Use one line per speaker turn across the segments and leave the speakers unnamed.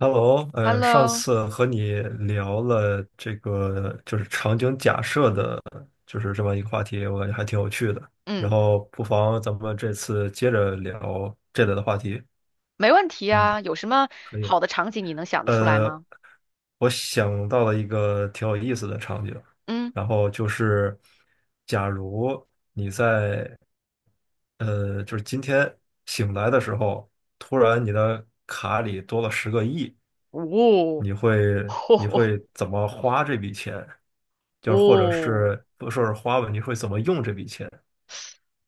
Hello，上
Hello，
次和你聊了这个就是场景假设的，就是这么一个话题，我感觉还挺有趣的。然
嗯，
后不妨咱们这次接着聊这类的话题。
没问题
嗯，
啊。有什么
可以。
好的场景你能想得出来
呃，
吗？
我想到了一个挺有意思的场景，
嗯，
然后就是，假如你在就是今天醒来的时候，突然你的卡里多了十个亿。
哦，
你会 你
吼
会怎么花这笔钱？就是或者
哦，
是不说是花吧，你会怎么用这笔钱？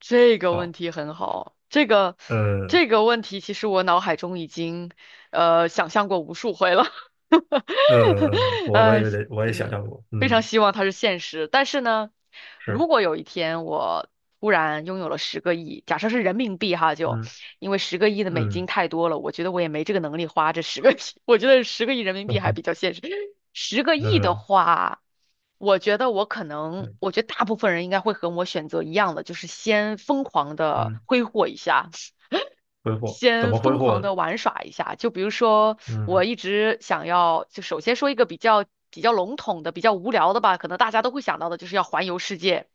这个问
好，
题很好。这个
嗯
这个问题，其实我脑海中已经想象过无数回了。
嗯，我我
哎，
也得我也
真
想
的
象过，
非常
嗯，
希望它是现实。但是呢，
是，
如果有一天我突然拥有了十个亿，假设是人民币哈，就。
嗯
因为十个亿的美金
嗯
太多了，我觉得我也没这个能力花这十个亿，我觉得10亿人民币还比较现实。十个亿的
嗯
话，
嗯
我觉得大部分人应该会和我选择一样的，就是先疯狂 的
嗯，
挥霍一下。
挥霍怎
先
么挥
疯狂
霍呢？
的玩耍一下。就比如说，我
嗯
一直想要，就首先说一个比较笼统的、比较无聊的吧，可能大家都会想到的，就是要环游世界，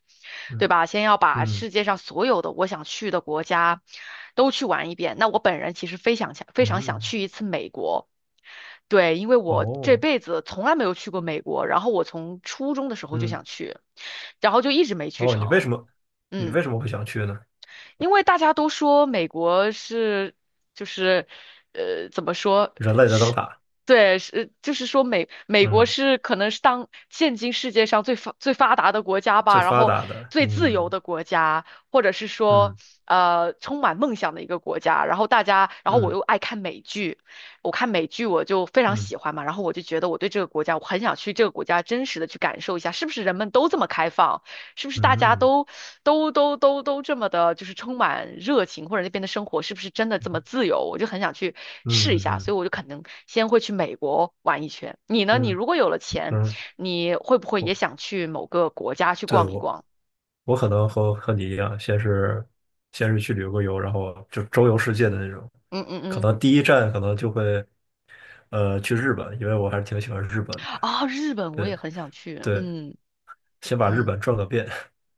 对
嗯
吧？先要把
嗯
世界上所有的我想去的国家都去玩一遍。那我本人其实非常想
嗯，
去一次美国。对，因为我这
哦，
辈子从来没有去过美国，然后我从初中的时候就
嗯
想去，然后就一直没去
哦，你为
成。
什么你
嗯。
为什么会想去呢？
因为大家都说美国是就是怎么说
人类的灯
是。
塔，
对，是就是说美国
嗯，
是可能是当现今世界上最发达的国家
最
吧，然
发
后
达的，
最自由
嗯
的国家，或者是说
嗯
充满梦想的一个国家。然后大家，然后我
嗯
又爱看美剧，我看美剧我就非常
嗯
喜欢嘛，然后我就觉得我对这个国家，我很想去这个国家真实的去感受一下，是不是人们都这么开放，是不是大家
嗯
都这么的，就是充满热情，或者那边的生活是不是真的这么自由？我就很想去
嗯嗯
试一
嗯
下，所
嗯
以我就可能先会去美国玩一圈。你
嗯
呢？你如果有了钱，
嗯嗯。
你会不会也
我
想去某个国家去
对
逛一
我
逛？
我可能和你一样，先是去旅个游，然后就周游世界的那种。
嗯嗯
可
嗯，
能第一站可能就会去日本，因为我还是挺喜欢日本的。
啊，日本我
对
也很想去。
对，
嗯
先把日
嗯
本转个遍，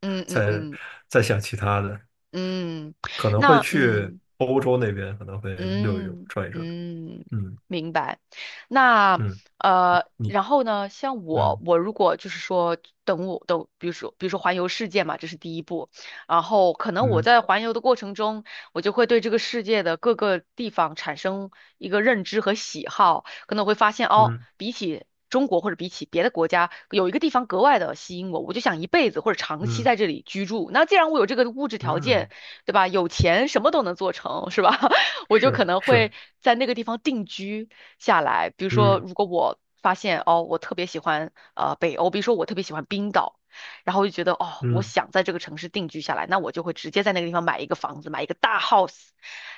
嗯 嗯
再
嗯
再想其他的。
嗯，嗯
可能会
那
去
嗯。
欧洲那边，可能会溜一溜，
嗯
转一转。
嗯，
嗯
明白。那
嗯，你
然后呢，像我，
嗯
我如果就是说等我等，比如说环游世界嘛，这是第一步。然后可能我
嗯
在环游的过程中，我就会对这个世界的各个地方产生一个认知和喜好，可能我会发现哦，
嗯
比起中国或者比起别的国家，有一个地方格外的吸引我，我就想一辈子或者长期
嗯
在这里居住。那既然我有这个物质条
嗯，
件，对吧？有钱什么都能做成，是吧？我就可
是
能
是，
会在那个地方定居下来。比如说，
嗯
如果我发现哦，我特别喜欢北欧，比如说我特别喜欢冰岛，然后我就觉得哦，我
嗯
想在这个城市定居下来，那我就会直接在那个地方买一个房子，买一个大 house，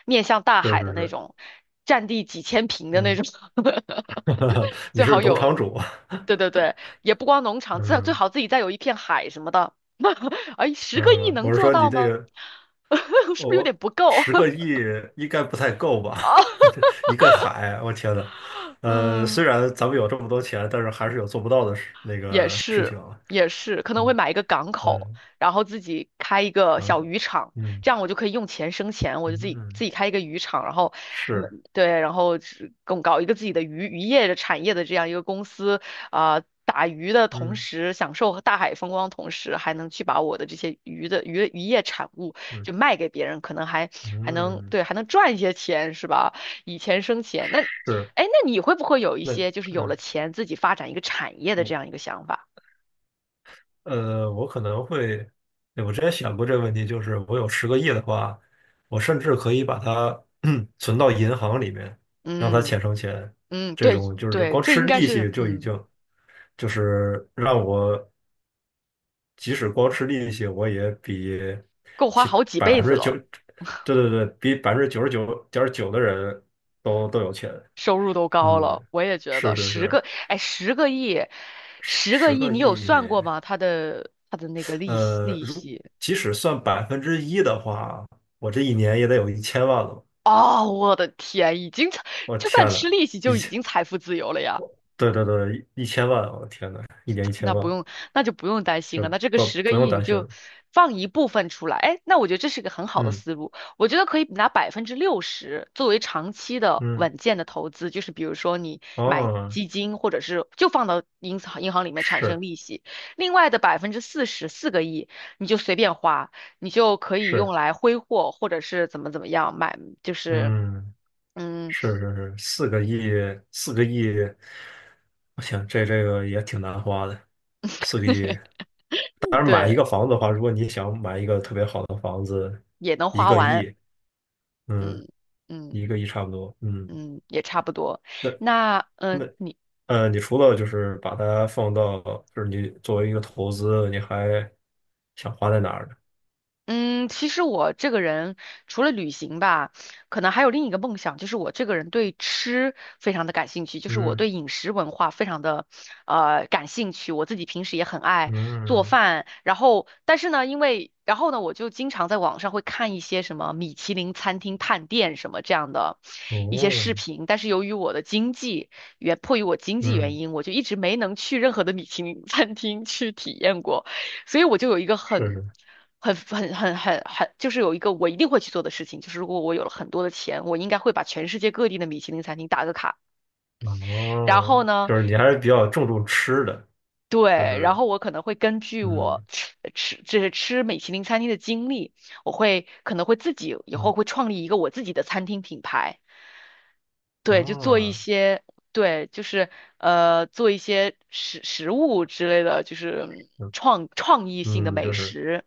面向大
是
海的
是
那
是，
种，占地几千平的那
嗯，
种，
你
最
是
好
农
有。
场主。
对对对，也不光农场，最最
嗯
好自己再有一片海什么的。哎，10亿
嗯，
能
我是
做
说你
到
这
吗？
个，
是不是有
我
点不够？
十个 亿应该不太够吧？
哦，
一个海，我天呐，
嗯，
虽然咱们有这么多钱，但是还是有做不到的事那
也
个事
是，
情啊
也是，可能我会
嗯
买一个港口，
嗯，
然后自己开一个
港
小
口，
渔场，
嗯
这样我就可以用钱生钱，我就自己
嗯
自己开一个渔场，然后，嗯，
是，
对，然后是搞一个自己的渔业的产业的这样一个公司，啊、打鱼的同
嗯
时享受大海风光，同时还能去把我的这些鱼的渔业产物
嗯
就卖给别人，可能还还能
嗯
对还能赚一些钱，是吧？以钱生钱，那
是，
哎，那你会不会有一
那
些就是有了
嗯，
钱自己发展一个产业的这
我
样一个想法？
我可能会，对我之前想过这个问题，就是我有十个亿的话，我甚至可以把它 存到银行里面，让它
嗯
钱生钱。
嗯，
这
对
种就是
对，
光
这
吃
应该
利
是
息就已
嗯，
经，就是让我即使光吃利息，我也比
够花
其
好几辈
百分
子
之九，
了，
对对对，比99.9%的人都有钱。
收入都高
嗯，
了，我也觉得
是是是，
十个亿，
十
十个
十
亿，
个
你有
亿。
算过吗？它的那个
呃，
利
如
息
即使算1%的话，我这一年也得有一千万了。
哦，我的天，已经
我
就算
天
吃
呐，
利息
一
就已
千，
经财富自由了呀。
对对对，一千万！我天呐，一年一千
那不
万，
用，那就不用担心
就
了。那这个
不
十个
不用
亿你
担心
就
了。
放一部分出来，哎，那我觉得这是一个很好的
嗯
思路。我觉得可以拿60%作为长期的
嗯，
稳健的投资，就是比如说你买
哦，
基金，或者是就放到银行里面产生
是
利息。另外的百分之四十，4亿你就随便花，你就可以用
是，
来挥霍，或者是怎么样买，就是
嗯，
嗯，
是是是，四个亿，四个亿，我想这个也挺难花的，四个亿。当然，买一
对，
个房子的话，如果你想买一个特别好的房子，
也能
一
花
个
完，
亿，嗯，
嗯嗯
一个亿差不多，嗯。
嗯，也差不多。
那
那
那
嗯。你。
呃，你除了就是把它放到，就是你作为一个投资，你还想花在哪儿呢？
嗯，其实我这个人除了旅行吧，可能还有另一个梦想，就是我这个人对吃非常的感兴趣，就是我
嗯
对饮食文化非常的感兴趣。我自己平时也很爱做
嗯
饭，然后但是呢，因为然后呢，我就经常在网上会看一些什么米其林餐厅探店什么这样的一些
哦
视频，但是由于我的经济原迫于我经济原
嗯，
因，我就一直没能去任何的米其林餐厅去体验过。所以我就有一个
是
很、
是
就是有一个我一定会去做的事情，就是如果我有了很多的钱，我应该会把全世界各地的米其林餐厅打个卡。然后
哦，
呢，
就是你还是比较注重吃的，就
对，然
是
后我可能会根据我
嗯
就是吃米其林餐厅的经历，我可能会自己以后
嗯
会创立一个我自己的餐厅品牌，对，就做一
哦
些。对，就是做一些食物之类的，就是
嗯
创意性的
嗯，
美
就是
食。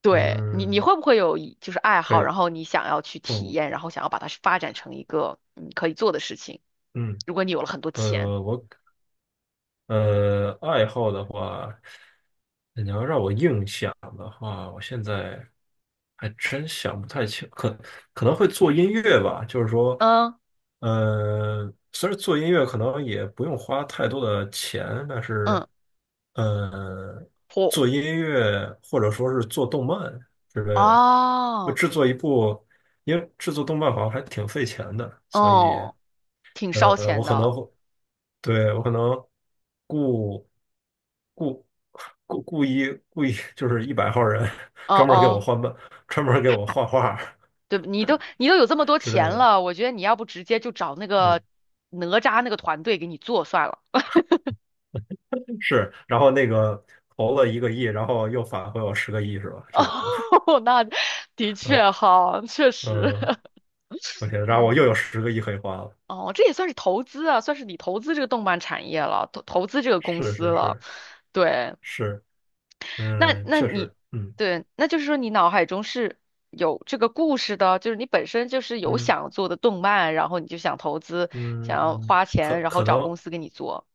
对你，你
嗯
会不会有一就是爱
可
好，
以
然后你想要去体
哦
验，然后想要把它发展成一个可以做的事情？
嗯
如果你有了很多钱，
我，爱好的话，你要让我硬想的话，我现在还真想不太清，可能会做音乐吧。就是说，
嗯
虽然做音乐可能也不用花太多的钱，但
嗯，
是，呃，
嚯
做音乐或者说是做动漫之类的，我
哦
制作一部，因为制作动漫好像还挺费钱的，所以。
哦，挺烧钱的，
对，我可能故故故意就是100号人，
哦
专门儿给我
哦，
换漫，专门儿给我
嗨，
画画儿
对，你都有这么多
之类
钱
的。
了，我觉得你要不直接就找那个
嗯，
哪吒那个团队给你做算了。
是。然后那个投了一个亿，然后又返回我十个亿，是吧？这种，
哦，那的
嗯
确哈，确实，
嗯，我天，然后我又有
嗯。
十个亿可以花了。
哦，这也算是投资啊，算是你投资这个动漫产业了，投资这个公
是
司
是
了。
是
对，
是，
那
嗯，
那
确
你
实，嗯
对，那就是说你脑海中是有这个故事的，就是你本身就是有
嗯
想做的动漫，然后你就想投资，想要
嗯，
花
可
钱，然后
可
找
能。
公司给你做。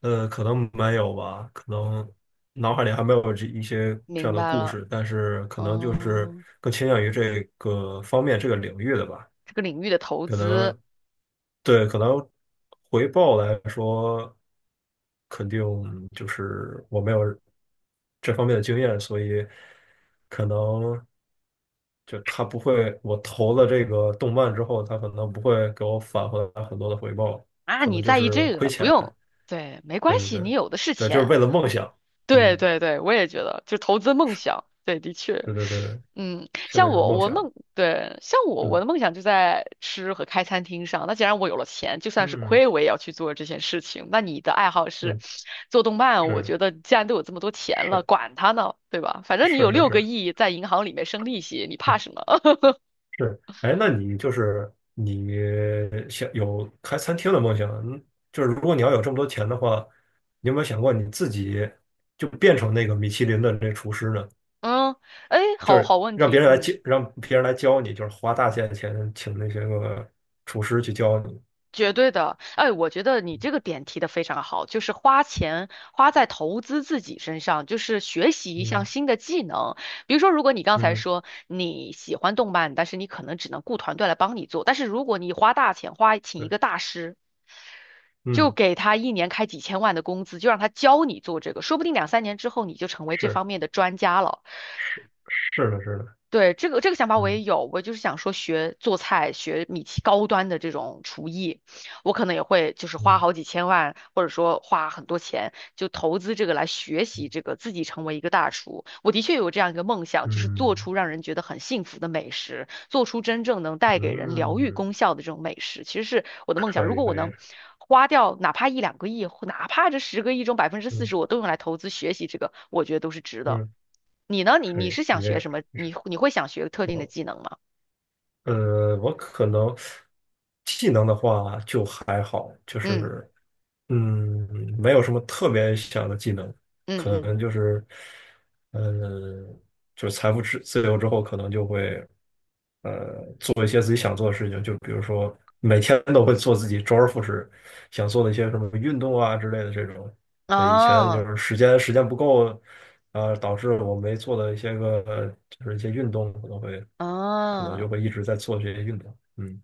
可能没有吧，可能脑海里还没有这一些这
明
样的
白
故
了，
事，但是可能就是
嗯，
更倾向于这个方面这个领域的吧。
这个领域的投
可
资
能对，可能回报来说，肯定就是我没有这方面的经验，所以可能就他不会，我投了这个动漫之后，他可能不会给我返回来很多的回报，
啊，
可能
你
就
在意
是
这
亏
个，不
钱。
用，对，没关
对对
系，你
对，
有的是
对，就是
钱。
为了梦想。
对
嗯，
对对，我也觉得，就投资梦想，对，的确，
对对对对，
嗯，
现
像
在就是
我，
梦
我
想。
梦，对，像我，我
嗯
的梦想就在吃和开餐厅上。那既然我有了钱，就算是
嗯
亏，我也要去做这件事情。那你的爱好是做动
嗯，
漫，我
是
觉得既然都有这么多钱了，
是
管它呢，对吧？反正你
是
有
是
六个
是，
亿在银行里面生利息，你怕
嗯
什么？
是。哎，那你就是你想有开餐厅的梦想？嗯，就是如果你要有这么多钱的话，你有没有想过你自己就变成那个米其林的那厨师呢？
嗯，哎，
就
好
是
好问
让别
题，
人来
嗯。
教，让别人来教你，就是花大价钱请那些个厨师去教你。
绝对的，哎，我觉得你这个点提的非常好，就是花钱花在投资自己身上，就是学习一项
嗯
新的技能。比如说，如果你刚才
嗯，
说你喜欢动漫，但是你可能只能雇团队来帮你做，但是如果你花大钱请一
对，
个大师，就
嗯，
给他一年开几千万的工资，就让他教你做这个，说不定两三年之后你就成为这
是
方面的专家了。
是是的，是的。
对，这个想法我也
嗯
有，我就是想说学做菜，学米其高端的这种厨艺，我可能也会就是花
嗯
好几千万，或者说花很多钱，就投资这个来学习这个，自己成为一个大厨。我的确有这样一个梦想，就是做
嗯
出让人觉得很幸福的美食，做出真正能带给人疗愈
嗯，
功效的这种美食，其实是我的梦想。如
可以
果我
可
能
以，
花掉哪怕一两个亿，哪怕这十个亿中百分之四
嗯
十，我都用来投资学习这个，我觉得都是值的。
嗯
你呢？你
可以，
你是
你
想学
这
什么？你会想学特定的
我
技能吗？
呃，我可能技能的话就还好，就
嗯
是嗯，没有什么特别想的技能，可
嗯
能就是嗯，就是财富自由之后，可能就会做一些自己想做的事情，就比如说每天都会做自己周而复始想做的一些什么运动啊之类的这种。
嗯，
对，以前就
啊
是时间不够，啊，导致我没做的一些个就是一些运动，可能就
啊，
会一直在做这些运动。嗯，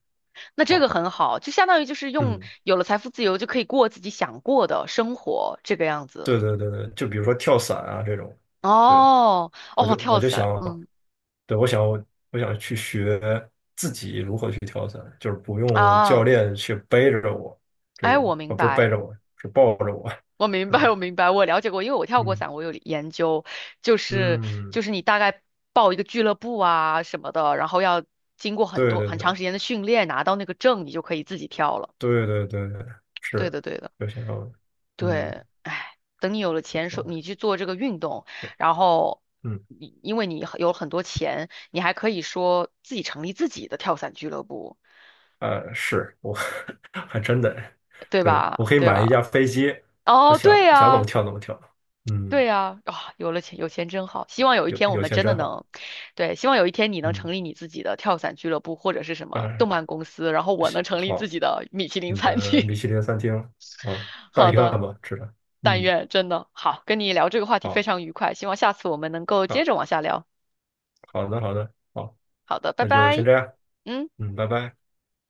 那这个
好，
很好，就相当于就是用
嗯，
有了财富自由就可以过自己想过的生活，这个样子。
对对对对，就比如说跳伞啊这种，对。
哦
我
哦，
就我
跳
就想，
伞，嗯
对，我想去学自己如何去跳伞，就是不用教
啊，
练去背着我这
哎，
种，
我明
啊，不是背
白。
着我，是抱着我。
我明白，
对，
我明白，我了解过，因为我跳过
嗯
伞，我有研究，就是
嗯，
你大概报一个俱乐部啊什么的，然后要经过很
对
多
对
很长
对
时间的训练，拿到那个证，你就可以自己跳了。
对对对对，
对
是，
的，对的，
就想要，嗯
对，哎，等你有了钱，说
啊，
你去做这个运动，然后
嗯
你因为你有很多钱，你还可以说自己成立自己的跳伞俱乐部，
是我 还真的，
对
对，我
吧？
可以
对
买一
吧？
架飞机，我
哦，
想
对
想怎么
呀、
跳怎么跳，
对
嗯，
呀，啊，有了钱，有钱真好。希望有一
有
天我
有
们
钱
真的
真好，
能，对，希望有一天你能成
嗯，
立你自己的跳伞俱乐部或者是什么
哎，
动漫公司，然后我能
行
成立自
好。
己的米其林
你
餐
的米
厅。
其林餐厅啊，大
好
一拌
的，
吧，吃的。
但
嗯，
愿真的好，跟你聊这个话题非
好，
常愉快，希望下次我们能够接
好，
着往下聊。
好的，好的，好，
好的，拜
那就先
拜。
这样。
嗯。
嗯，拜拜。